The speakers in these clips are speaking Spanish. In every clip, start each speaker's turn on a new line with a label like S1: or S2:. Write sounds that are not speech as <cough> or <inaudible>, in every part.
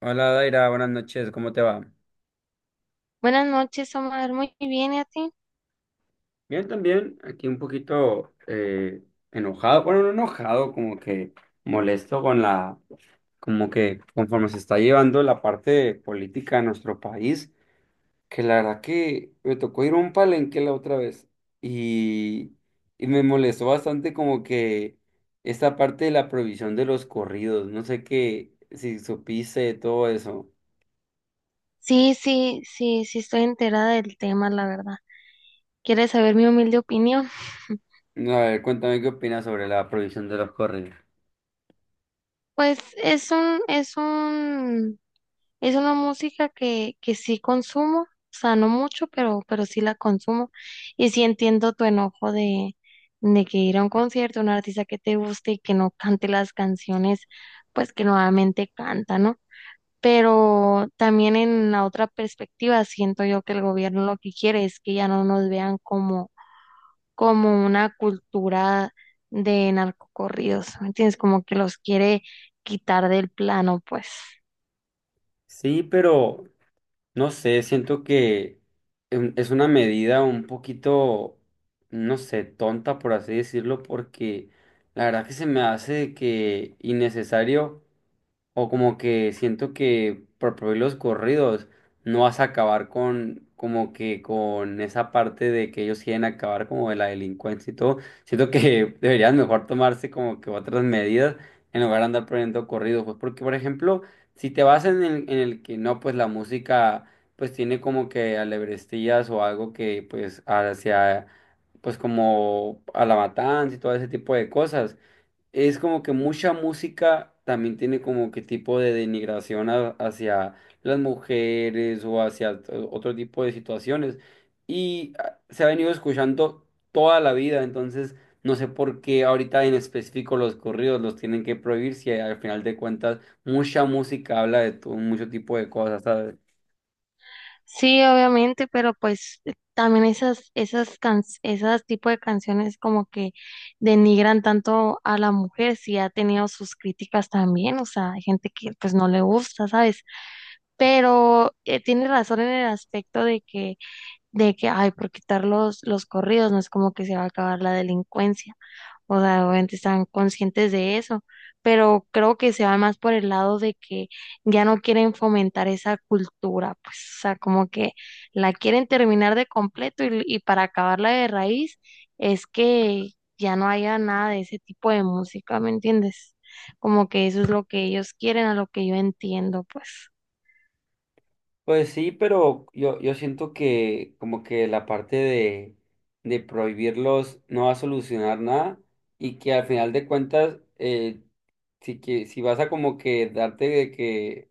S1: Hola Daira, buenas noches, ¿cómo te va?
S2: Buenas noches, Omar. Muy bien, ¿y a ti?
S1: Bien, también, aquí un poquito enojado, bueno, no enojado, como que molesto con la, como que conforme se está llevando la parte política de nuestro país, que la verdad que me tocó ir a un palenque la otra vez y, y me molestó bastante como que esta parte de la prohibición de los corridos, no sé qué, si supiste de todo eso.
S2: Sí, sí, sí, sí estoy enterada del tema, la verdad. ¿Quieres saber mi humilde opinión?
S1: A ver, cuéntame qué opinas sobre la prohibición de los corridos.
S2: Pues es una música que sí consumo, o sea, no mucho, pero sí la consumo. Y sí entiendo tu enojo de que ir a un concierto, un artista que te guste y que no cante las canciones, pues que nuevamente canta, ¿no? Pero también en la otra perspectiva siento yo que el gobierno lo que quiere es que ya no nos vean como, como una cultura de narcocorridos, ¿me entiendes? Como que los quiere quitar del plano, pues.
S1: Sí, pero no sé, siento que es una medida un poquito, no sé, tonta por así decirlo, porque la verdad que se me hace que innecesario. O como que siento que por prohibir los corridos no vas a acabar con como que con esa parte de que ellos quieren acabar como de la delincuencia y todo. Siento que <laughs> deberían mejor tomarse como que otras medidas en lugar de andar prohibiendo corridos, pues porque por ejemplo, si te vas en el que no, pues la música pues tiene como que alebrestillas o algo que pues hacia pues como a la matanza y todo ese tipo de cosas es como que mucha música también tiene como que tipo de denigración hacia las mujeres o hacia otro tipo de situaciones. Y se ha venido escuchando toda la vida, entonces no sé por qué ahorita en específico los corridos los tienen que prohibir si al final de cuentas mucha música habla de mucho tipo de cosas, ¿sabes?
S2: Sí, obviamente, pero pues también esas tipo de canciones como que denigran tanto a la mujer, si ha tenido sus críticas también, o sea, hay gente que pues no le gusta, ¿sabes? Pero tiene razón en el aspecto de que, ay, por quitar los corridos, no es como que se va a acabar la delincuencia. O sea, obviamente están conscientes de eso, pero creo que se va más por el lado de que ya no quieren fomentar esa cultura, pues, o sea, como que la quieren terminar de completo y para acabarla de raíz es que ya no haya nada de ese tipo de música, ¿me entiendes? Como que eso es lo que ellos quieren, a lo que yo entiendo, pues.
S1: Pues sí, pero yo siento que como que la parte de prohibirlos no va a solucionar nada y que al final de cuentas, si, que, si vas a como que darte de que,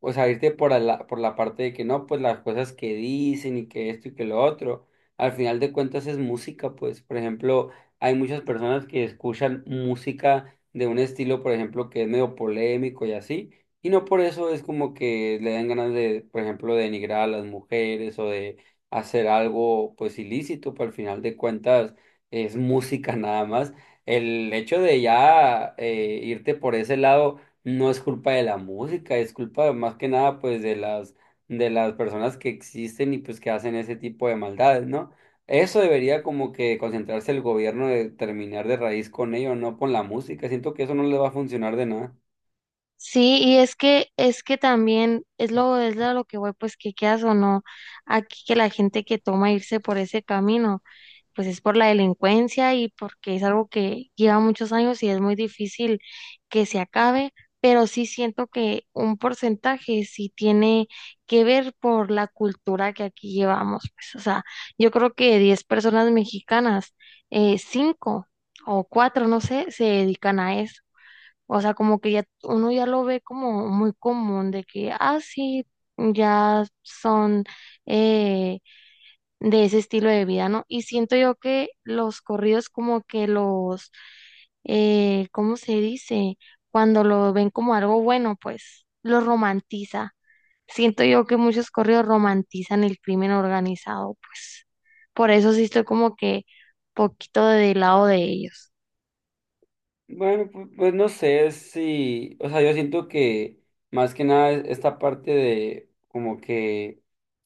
S1: o sea, irte por la parte de que no, pues las cosas que dicen y que esto y que lo otro, al final de cuentas es música, pues, por ejemplo, hay muchas personas que escuchan música de un estilo, por ejemplo, que es medio polémico y así, y no por eso es como que le dan ganas de, por ejemplo, de denigrar a las mujeres o de hacer algo, pues, ilícito, pero al final de cuentas es música <laughs> nada más. El hecho de ya irte por ese lado no es culpa de la música, es culpa más que nada pues de las personas que existen y pues que hacen ese tipo de maldades, ¿no? Eso debería como que concentrarse el gobierno de terminar de raíz con ello, no con la música. Siento que eso no le va a funcionar de nada.
S2: Sí, y es que también es a lo que voy, pues que quieras o no, aquí que la gente que toma irse por ese camino, pues es por la delincuencia y porque es algo que lleva muchos años y es muy difícil que se acabe, pero sí siento que un porcentaje sí tiene que ver por la cultura que aquí llevamos, pues, o sea, yo creo que de 10 personas mexicanas, 5 o 4 no sé, se dedican a eso. O sea, como que ya uno ya lo ve como muy común de que, ah, sí, ya son eh, de ese estilo de vida, ¿no? Y siento yo que los corridos como que los, ¿cómo se dice? Cuando lo ven como algo bueno, pues lo romantiza. Siento yo que muchos corridos romantizan el crimen organizado, pues por eso sí estoy como que poquito del lado de ellos.
S1: Bueno, pues, no sé si, o sea, yo siento que más que nada esta parte de como que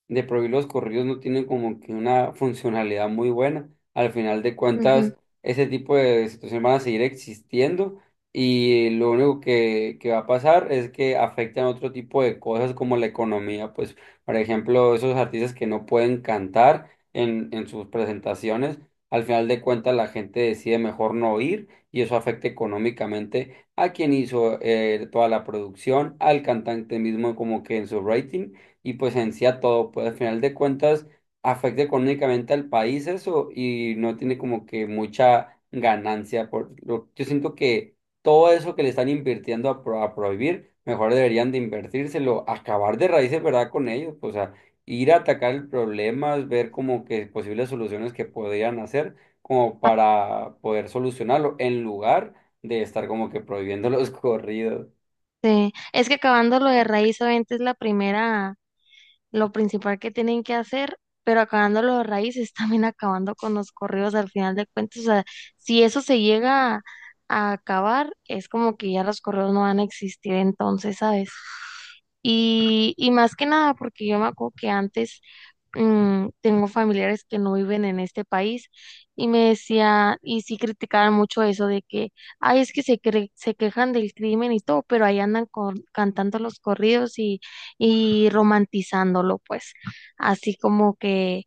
S1: de prohibir los corridos no tiene como que una funcionalidad muy buena. Al final de
S2: Ujú.
S1: cuentas, ese tipo de situaciones van a seguir existiendo y lo único que va a pasar es que afectan otro tipo de cosas como la economía. Pues, por ejemplo, esos artistas que no pueden cantar en sus presentaciones, al final de cuentas la gente decide mejor no ir y eso afecta económicamente a quien hizo toda la producción, al cantante mismo como que en su rating y pues en sí a todo, pues al final de cuentas afecta económicamente al país eso y no tiene como que mucha ganancia. Por lo, yo siento que todo eso que le están invirtiendo a, a prohibir, mejor deberían de invertírselo, acabar de raíces, ¿verdad? Con ellos, pues, o sea, ir a atacar el problema, ver como que posibles soluciones que podrían hacer como para poder solucionarlo en lugar de estar como que prohibiendo los <laughs> corridos.
S2: Es que acabando lo de raíz, obviamente es la primera lo principal que tienen que hacer, pero acabando los raíces, <laughs> también acabando con los correos al final de cuentas. O sea, si eso se llega a acabar, es como que ya los correos no van a existir entonces, ¿sabes? Y más que nada, porque yo me acuerdo que antes tengo familiares que no viven en este país y me decían, y sí criticaban mucho eso de que, ay, es que se, cre- se quejan del crimen y todo, pero ahí andan con- cantando los corridos y romantizándolo, pues, así como que,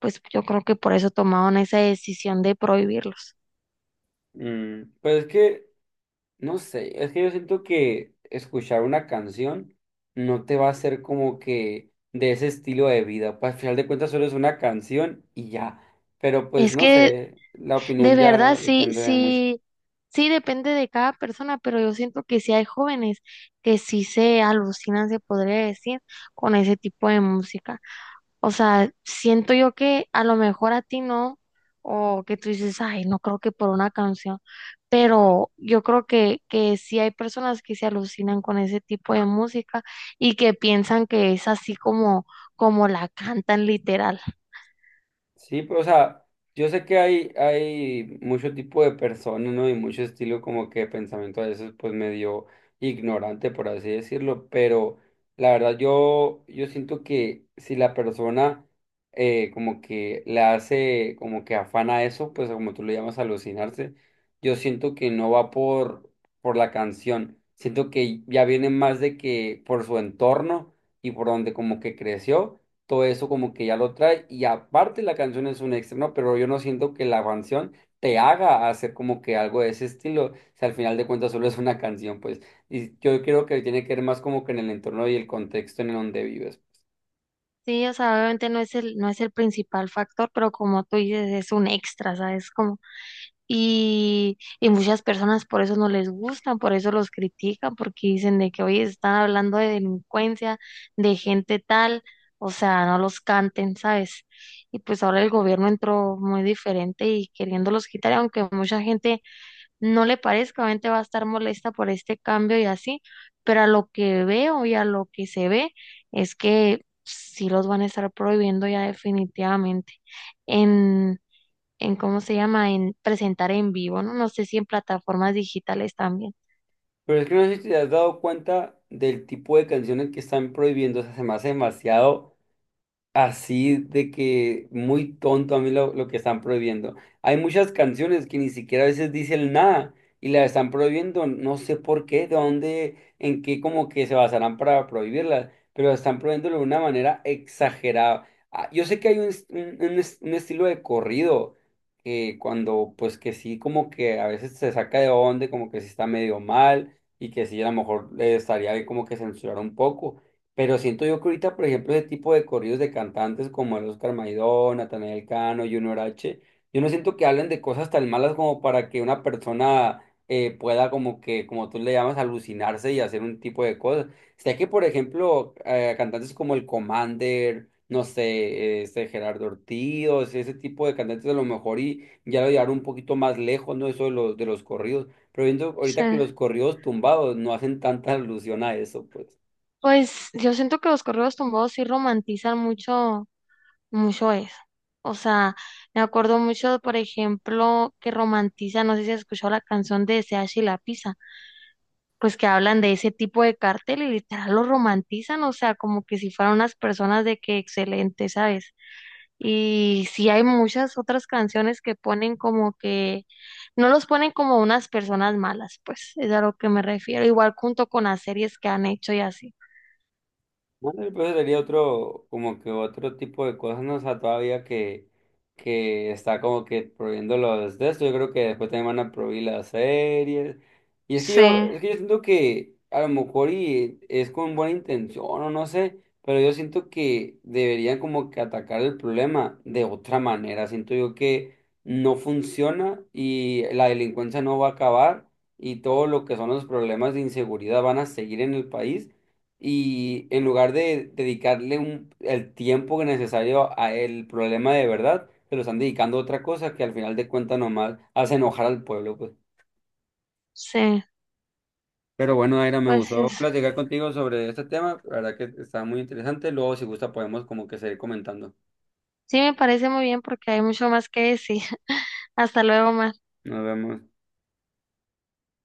S2: pues yo creo que por eso tomaron esa decisión de prohibirlos.
S1: Pues es que, no sé, es que yo siento que escuchar una canción no te va a hacer como que de ese estilo de vida, pues al final de cuentas solo es una canción y ya, pero pues
S2: Es
S1: no
S2: que
S1: sé, la
S2: de
S1: opinión ya
S2: verdad, sí,
S1: depende de mucho.
S2: sí, sí depende de cada persona, pero yo siento que sí hay jóvenes que sí se alucinan, se podría decir, con ese tipo de música. O sea, siento yo que a lo mejor a ti no, o que tú dices, ay, no creo que por una canción, pero yo creo que sí hay personas que se alucinan con ese tipo de música y que piensan que es así como, como la cantan literal.
S1: Sí, pues, o sea, yo sé que hay mucho tipo de personas, ¿no? Y mucho estilo como que de pensamiento a veces pues medio ignorante, por así decirlo, pero la verdad yo siento que si la persona como que le hace como que afana eso, pues como tú le llamas alucinarse, yo siento que no va por la canción, siento que ya viene más de que por su entorno y por donde como que creció todo eso como que ya lo trae y aparte la canción es un extra, ¿no? Pero yo no siento que la canción te haga hacer como que algo de ese estilo, si al final de cuentas solo es una canción, pues, y yo creo que tiene que ver más como que en el entorno y el contexto en el donde vives.
S2: Sí, o sea, obviamente no es el principal factor, pero como tú dices, es un extra, ¿sabes? Como, y muchas personas por eso no les gustan, por eso los critican, porque dicen de que hoy están hablando de delincuencia, de gente tal, o sea, no los canten, ¿sabes? Y pues ahora el gobierno entró muy diferente y queriéndolos quitar, aunque mucha gente no le parezca, obviamente va a estar molesta por este cambio y así, pero a lo que veo y a lo que se ve es que sí los van a estar prohibiendo ya definitivamente en, en ¿cómo se llama? En presentar en vivo, ¿no? No sé si en plataformas digitales también.
S1: Pero es que no sé si te has dado cuenta del tipo de canciones que están prohibiendo, o sea, se me hace demasiado así de que muy tonto a mí lo que están prohibiendo. Hay muchas canciones que ni siquiera a veces dicen nada y las están prohibiendo, no sé por qué, de dónde, en qué como que se basarán para prohibirlas, pero están prohibiéndolo de una manera exagerada. Ah, yo sé que hay un estilo de corrido que cuando pues que sí como que a veces se saca de onda, como que sí está medio mal y que sí a lo mejor estaría bien como que censurar un poco. Pero siento yo que ahorita, por ejemplo, ese tipo de corridos de cantantes como el Oscar Maidón, Natanael Cano, Junior H, yo no siento que hablen de cosas tan malas como para que una persona pueda como que, como tú le llamas, alucinarse y hacer un tipo de cosas. Sé que, por ejemplo, cantantes como el Commander, no sé, este Gerardo Ortiz, o sea, ese tipo de cantantes a lo mejor y ya lo llevaron un poquito más lejos, ¿no? Eso de los corridos. Pero viendo
S2: Sí.
S1: ahorita que los corridos tumbados no hacen tanta <laughs> alusión a eso, pues.
S2: Pues yo siento que los correos tumbados sí romantizan mucho, mucho eso. O sea, me acuerdo mucho, por ejemplo, que romantiza, no sé si has escuchado la canción de SH y la Pizza. Pues que hablan de ese tipo de cartel y literal lo romantizan, o sea, como que si fueran unas personas de que excelente, ¿sabes? Y sí hay muchas otras canciones que ponen como que no los ponen como unas personas malas, pues es a lo que me refiero, igual junto con las series que han hecho y así.
S1: Bueno, pues sería otro, como que otro tipo de cosas, ¿no? O sea, todavía que está como que prohibiendo los de esto. Yo creo que después también van a prohibir las series. Y es que
S2: Sí,
S1: yo, es que yo siento que a lo mejor y es con buena intención o no sé, pero yo siento que deberían como que atacar el problema de otra manera. Siento yo que no funciona y la delincuencia no va a acabar y todo lo que son los problemas de inseguridad van a seguir en el país y en lugar de dedicarle el tiempo necesario a el problema de verdad, se lo están dedicando a otra cosa que al final de cuentas nomás hace enojar al pueblo, pues.
S2: sí,
S1: Pero bueno, Aira, me
S2: pues
S1: gustó
S2: es-
S1: platicar contigo sobre este tema, la verdad que está muy interesante, luego si gusta podemos como que seguir comentando.
S2: sí me parece muy bien porque hay mucho más que decir. <laughs> Hasta luego, Mar.
S1: Nos vemos.